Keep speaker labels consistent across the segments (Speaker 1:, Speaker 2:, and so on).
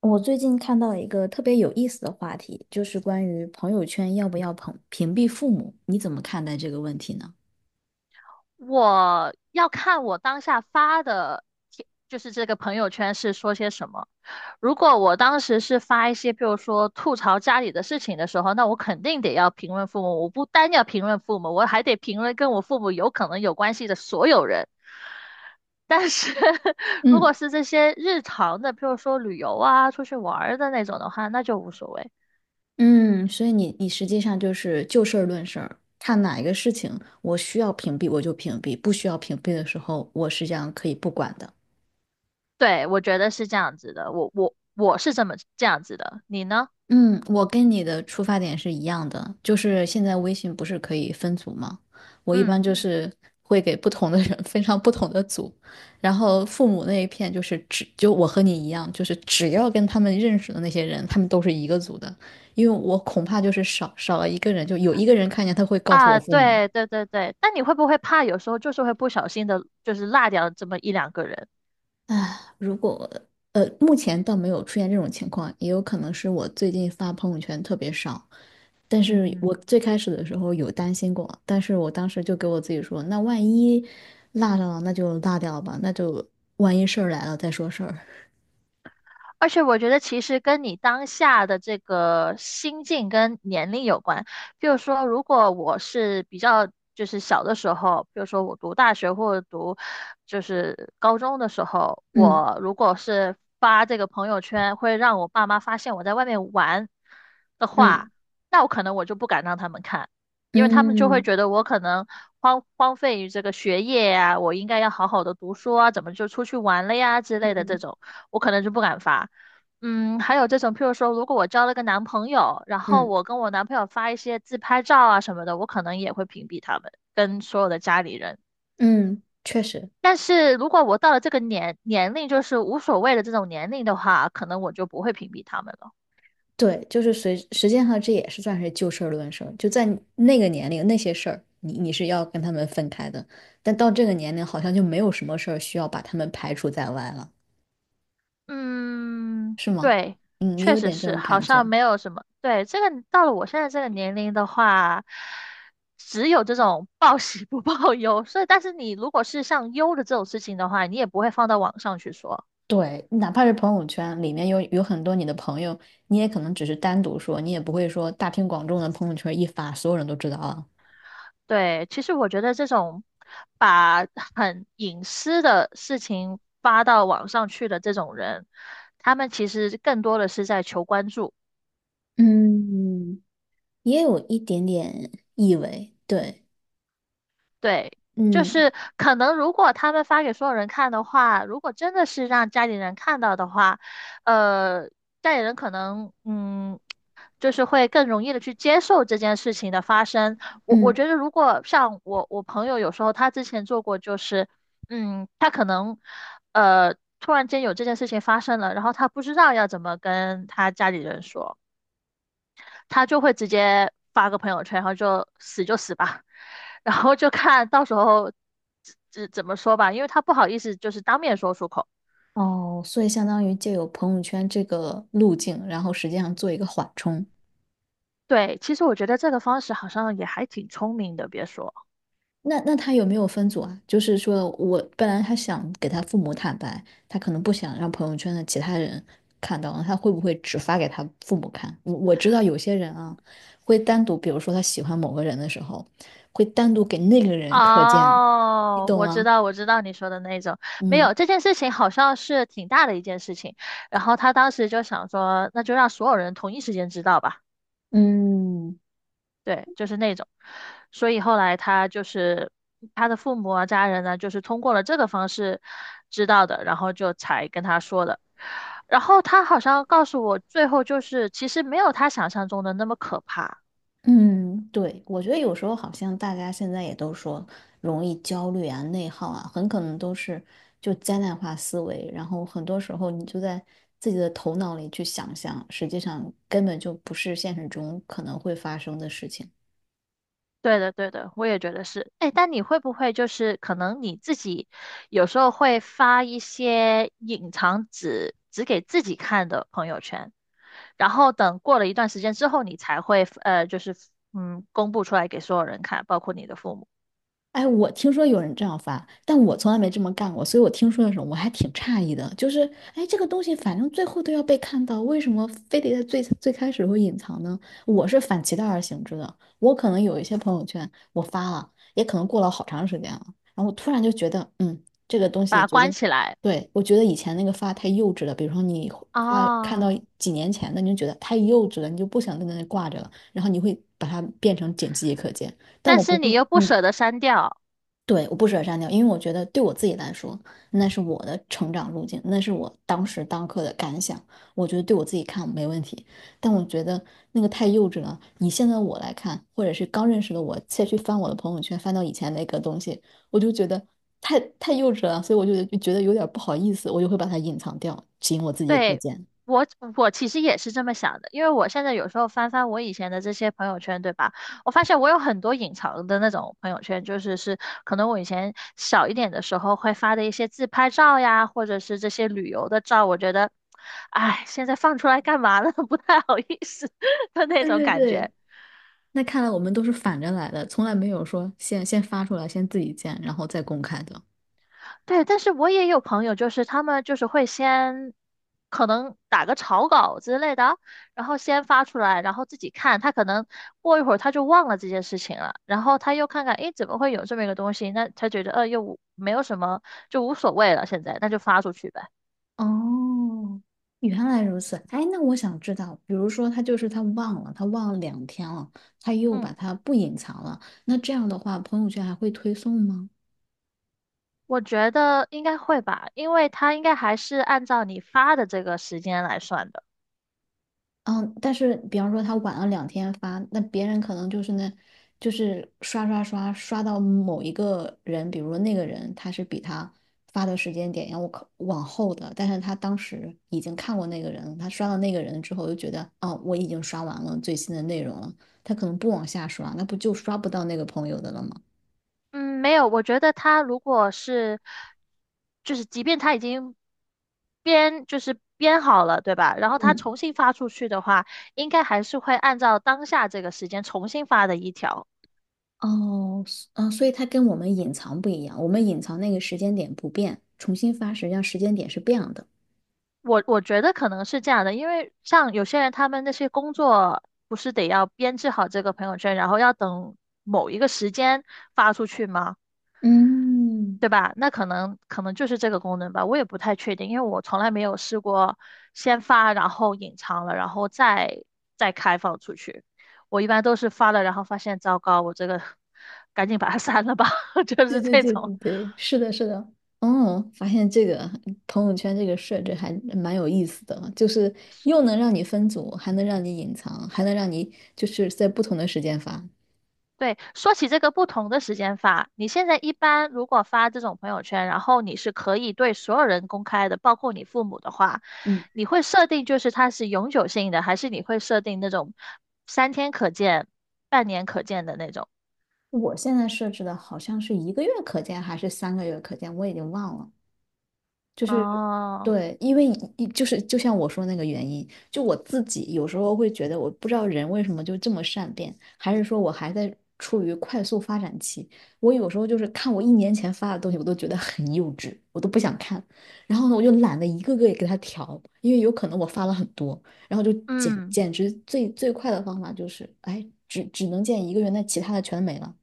Speaker 1: 我最近看到一个特别有意思的话题，就是关于朋友圈要不要屏蔽父母，你怎么看待这个问题呢？
Speaker 2: 我要看我当下发的贴就是这个朋友圈是说些什么。如果我当时是发一些，比如说吐槽家里的事情的时候，那我肯定得要评论父母。我不单要评论父母，我还得评论跟我父母有可能有关系的所有人。但是 如果
Speaker 1: 嗯。
Speaker 2: 是这些日常的，比如说旅游啊、出去玩儿的那种的话，那就无所谓。
Speaker 1: 嗯，所以你实际上就是就事儿论事儿，看哪一个事情我需要屏蔽我就屏蔽，不需要屏蔽的时候我实际上可以不管的。
Speaker 2: 对，我觉得是这样子的，我是这么这样子的，你呢？
Speaker 1: 嗯，我跟你的出发点是一样的，就是现在微信不是可以分组吗？我一般
Speaker 2: 嗯。
Speaker 1: 就是会给不同的人分上 不同的组，然后父母那一片就是只就我和你一样，就是只要跟他们认识的那些人，他们都是一个组的，因为我恐怕就是少了一个人，就有一个人看见他会告诉我
Speaker 2: 啊，
Speaker 1: 父母。
Speaker 2: 对对对对，但你会不会怕有时候就是会不小心的，就是落掉这么一两个人？
Speaker 1: 啊，目前倒没有出现这种情况，也有可能是我最近发朋友圈特别少。但是我
Speaker 2: 嗯。
Speaker 1: 最开始的时候有担心过，但是我当时就给我自己说，那万一落上了，那就落掉吧，那就万一事儿来了再说事儿。
Speaker 2: 而且我觉得其实跟你当下的这个心境跟年龄有关。比如说，如果我是比较就是小的时候，比如说我读大学或者读就是高中的时候，
Speaker 1: 嗯，
Speaker 2: 我如果是发这个朋友圈，会让我爸妈发现我在外面玩的
Speaker 1: 嗯，
Speaker 2: 话，那我可能我就不敢让他们看，因为他们就会
Speaker 1: 嗯，
Speaker 2: 觉得我可能荒废于这个学业呀、我应该要好好的读书啊，怎么就出去玩了呀之类的这
Speaker 1: 嗯，
Speaker 2: 种。我可能就不敢发。嗯，还有这种，譬如说，如果我交了个男朋友，然后
Speaker 1: 嗯，
Speaker 2: 我跟我男朋友发一些自拍照啊什么的，我可能也会屏蔽他们跟所有的家里人。
Speaker 1: 嗯，确实。
Speaker 2: 但是如果我到了这个年龄，就是无所谓的这种年龄的话，可能我就不会屏蔽他们了。
Speaker 1: 对，就是随实际上这也是算是就事儿论事儿，就在你那个年龄那些事儿，你是要跟他们分开的，但到这个年龄好像就没有什么事儿需要把他们排除在外了，
Speaker 2: 嗯，
Speaker 1: 是吗？
Speaker 2: 对，
Speaker 1: 嗯，也
Speaker 2: 确
Speaker 1: 有
Speaker 2: 实
Speaker 1: 点这
Speaker 2: 是，
Speaker 1: 种
Speaker 2: 好
Speaker 1: 感
Speaker 2: 像
Speaker 1: 觉。
Speaker 2: 没有什么。对，这个到了我现在这个年龄的话，只有这种报喜不报忧。所以，但是你如果是像忧的这种事情的话，你也不会放到网上去说。
Speaker 1: 对，哪怕是朋友圈里面有很多你的朋友，你也可能只是单独说，你也不会说大庭广众的朋友圈一发，所有人都知道了。
Speaker 2: 对，其实我觉得这种把很隐私的事情发到网上去的这种人，他们其实更多的是在求关注。
Speaker 1: 嗯，也有一点点意味，对，
Speaker 2: 对，就
Speaker 1: 嗯。
Speaker 2: 是可能如果他们发给所有人看的话，如果真的是让家里人看到的话，呃，家里人可能嗯，就是会更容易的去接受这件事情的发生。我
Speaker 1: 嗯。
Speaker 2: 觉得，如果像我朋友有时候他之前做过，就是嗯，他可能突然间有这件事情发生了，然后他不知道要怎么跟他家里人说。他就会直接发个朋友圈，然后就死就死吧，然后就看到时候怎么说吧，因为他不好意思就是当面说出口。
Speaker 1: 哦，所以相当于借由朋友圈这个路径，然后实际上做一个缓冲。
Speaker 2: 对，其实我觉得这个方式好像也还挺聪明的，别说。
Speaker 1: 那他有没有分组啊？就是说我本来他想给他父母坦白，他可能不想让朋友圈的其他人看到，他会不会只发给他父母看？我知道有些人啊，会单独，比如说他喜欢某个人的时候，会单独给那个人可见，你
Speaker 2: 哦，
Speaker 1: 懂
Speaker 2: 我知
Speaker 1: 吗？
Speaker 2: 道，我知道你说的那种，没
Speaker 1: 嗯。
Speaker 2: 有，这件事情好像是挺大的一件事情，然后他当时就想说，那就让所有人同一时间知道吧。
Speaker 1: 嗯。
Speaker 2: 对，就是那种。所以后来他就是他的父母啊、家人呢，就是通过了这个方式知道的，然后就才跟他说的。然后他好像告诉我，最后就是其实没有他想象中的那么可怕。
Speaker 1: 嗯，对，我觉得有时候好像大家现在也都说容易焦虑啊、内耗啊，很可能都是就灾难化思维，然后很多时候你就在自己的头脑里去想象，实际上根本就不是现实中可能会发生的事情。
Speaker 2: 对的，对的，我也觉得是。哎，但你会不会就是可能你自己有时候会发一些隐藏只给自己看的朋友圈，然后等过了一段时间之后，你才会就是嗯，公布出来给所有人看，包括你的父母，
Speaker 1: 哎，我听说有人这样发，但我从来没这么干过，所以我听说的时候我还挺诧异的。就是，哎，这个东西反正最后都要被看到，为什么非得在最开始会隐藏呢？我是反其道而行之的。我可能有一些朋友圈我发了，也可能过了好长时间了，然后我突然就觉得，嗯，这个东西
Speaker 2: 把它
Speaker 1: 觉
Speaker 2: 关
Speaker 1: 得，
Speaker 2: 起来
Speaker 1: 对，我觉得以前那个发太幼稚了。比如说你发看到
Speaker 2: 啊，
Speaker 1: 几年前的，你就觉得太幼稚了，你就不想在那里挂着了，然后你会把它变成仅自己可见。但
Speaker 2: 但
Speaker 1: 我不
Speaker 2: 是你
Speaker 1: 会，
Speaker 2: 又不
Speaker 1: 嗯。
Speaker 2: 舍得删掉。
Speaker 1: 对，我不舍得删掉，因为我觉得对我自己来说，那是我的成长路径，那是我当时当刻的感想。我觉得对我自己看没问题，但我觉得那个太幼稚了。以现在我来看，或者是刚认识的我，再去翻我的朋友圈，翻到以前那个东西，我就觉得太幼稚了，所以我就觉得有点不好意思，我就会把它隐藏掉，仅我自己可
Speaker 2: 对，
Speaker 1: 见。
Speaker 2: 我我其实也是这么想的，因为我现在有时候翻翻我以前的这些朋友圈，对吧？我发现我有很多隐藏的那种朋友圈，就是可能我以前小一点的时候会发的一些自拍照呀，或者是这些旅游的照，我觉得，哎，现在放出来干嘛呢？不太好意思的那
Speaker 1: 对，
Speaker 2: 种
Speaker 1: 对，
Speaker 2: 感觉。
Speaker 1: 对，那看来我们都是反着来的，从来没有说先发出来，先自己见，然后再公开的。
Speaker 2: 对，但是我也有朋友，就是他们就是会先可能打个草稿之类的，然后先发出来，然后自己看。他可能过一会儿他就忘了这件事情了，然后他又看看，诶，怎么会有这么一个东西？那他觉得，又无没有什么，就无所谓了，现在那就发出去呗。
Speaker 1: 哦，原来如此。哎，那我想知道，比如说他就是他忘了，他忘了两天了，他又把
Speaker 2: 嗯，
Speaker 1: 它不隐藏了，那这样的话，朋友圈还会推送吗？
Speaker 2: 我觉得应该会吧，因为他应该还是按照你发的这个时间来算的。
Speaker 1: 嗯，但是比方说他晚了两天发，那别人可能就是那，就是刷刷刷刷到某一个人，比如说那个人他是比他发的时间点要靠往后的，但是他当时已经看过那个人了他刷到那个人之后就觉得，哦，我已经刷完了最新的内容了，他可能不往下刷，那不就刷不到那个朋友的了吗？
Speaker 2: 嗯，没有，我觉得他如果是，就是即便他已经就是编好了，对吧？然后他
Speaker 1: 嗯，
Speaker 2: 重新发出去的话，应该还是会按照当下这个时间重新发的一条。
Speaker 1: 哦，所以他跟我们隐藏不一样，我们隐藏那个时间点不变，重新发实际上时间点是变的。
Speaker 2: 我觉得可能是这样的，因为像有些人他们那些工作不是得要编制好这个朋友圈，然后要等某一个时间发出去吗？
Speaker 1: 嗯，
Speaker 2: 对吧？那可能就是这个功能吧，我也不太确定，因为我从来没有试过先发，然后隐藏了，然后再开放出去。我一般都是发了，然后发现糟糕，我这个 赶紧把它 删了吧，就
Speaker 1: 对，
Speaker 2: 是
Speaker 1: 对，
Speaker 2: 这
Speaker 1: 对，对，
Speaker 2: 种。
Speaker 1: 对，是的，是的。哦，发现这个朋友圈这个设置还蛮有意思的，就是又能让你分组，还能让你隐藏，还能让你就是在不同的时间发。
Speaker 2: 对，说起这个不同的时间发，你现在一般如果发这种朋友圈，然后你是可以对所有人公开的，包括你父母的话，
Speaker 1: 嗯，
Speaker 2: 你会设定就是它是永久性的，还是你会设定那种三天可见、半年可见的那种？
Speaker 1: 我现在设置的好像是一个月可见还是三个月可见，我已经忘了。就是
Speaker 2: 哦，
Speaker 1: 对，因为一就是就像我说那个原因，就我自己有时候会觉得，我不知道人为什么就这么善变，还是说我还在处于快速发展期。我有时候就是看我1年前发的东西，我都觉得很幼稚，我都不想看。然后呢，我就懒得一个个也给它调，因为有可能我发了很多，然后就简
Speaker 2: 嗯，
Speaker 1: 简直最快的方法就是，哎，只能见一个月，那其他的全没了。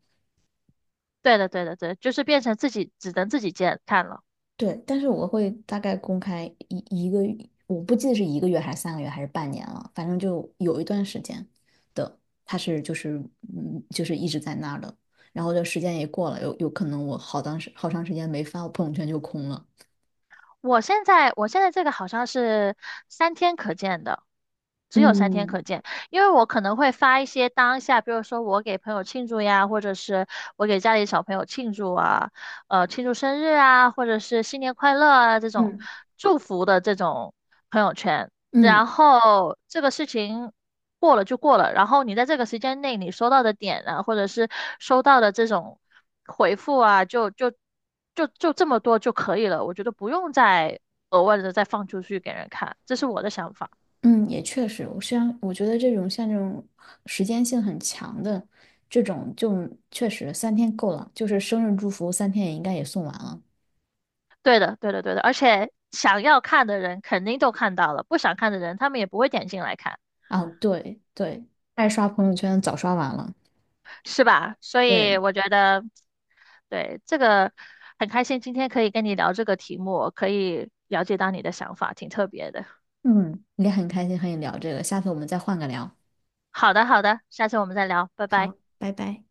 Speaker 2: 对的，对的，对的就是变成自己只能自己见看了。
Speaker 1: 对，但是我会大概公开一个，我不记得是一个月还是三个月还是半年了，反正就有一段时间的，他是就是嗯就是一直在那儿的，然后这时间也过了，有可能我当时好长时间没发，我朋友圈就空了。
Speaker 2: 我现在这个好像是三天可见的，只有三天
Speaker 1: 嗯，
Speaker 2: 可见，因为我可能会发一些当下，比如说我给朋友庆祝呀，或者是我给家里小朋友庆祝啊，庆祝生日啊，或者是新年快乐啊这种
Speaker 1: 嗯，
Speaker 2: 祝福的这种朋友圈。
Speaker 1: 嗯，
Speaker 2: 然后这个事情过了就过了，然后你在这个时间内你收到的点啊，或者是收到的这种回复啊，就这么多就可以了，我觉得不用再额外的再放出去给人看，这是我的想法。
Speaker 1: 嗯，也确实，我虽然我觉得这种像这种时间性很强的这种，就确实三天够了，就是生日祝福三天也应该也送完了
Speaker 2: 对的，对的，对的，而且想要看的人肯定都看到了，不想看的人他们也不会点进来看，
Speaker 1: 啊。对，对，爱刷朋友圈早刷完了。
Speaker 2: 是吧？所以
Speaker 1: 对，
Speaker 2: 我觉得，对，这个很开心，今天可以跟你聊这个题目，可以了解到你的想法，挺特别的。
Speaker 1: 嗯，也很开心和你聊这个，下次我们再换个聊。
Speaker 2: 好的，好的，下次我们再聊，拜拜。
Speaker 1: 好，拜拜。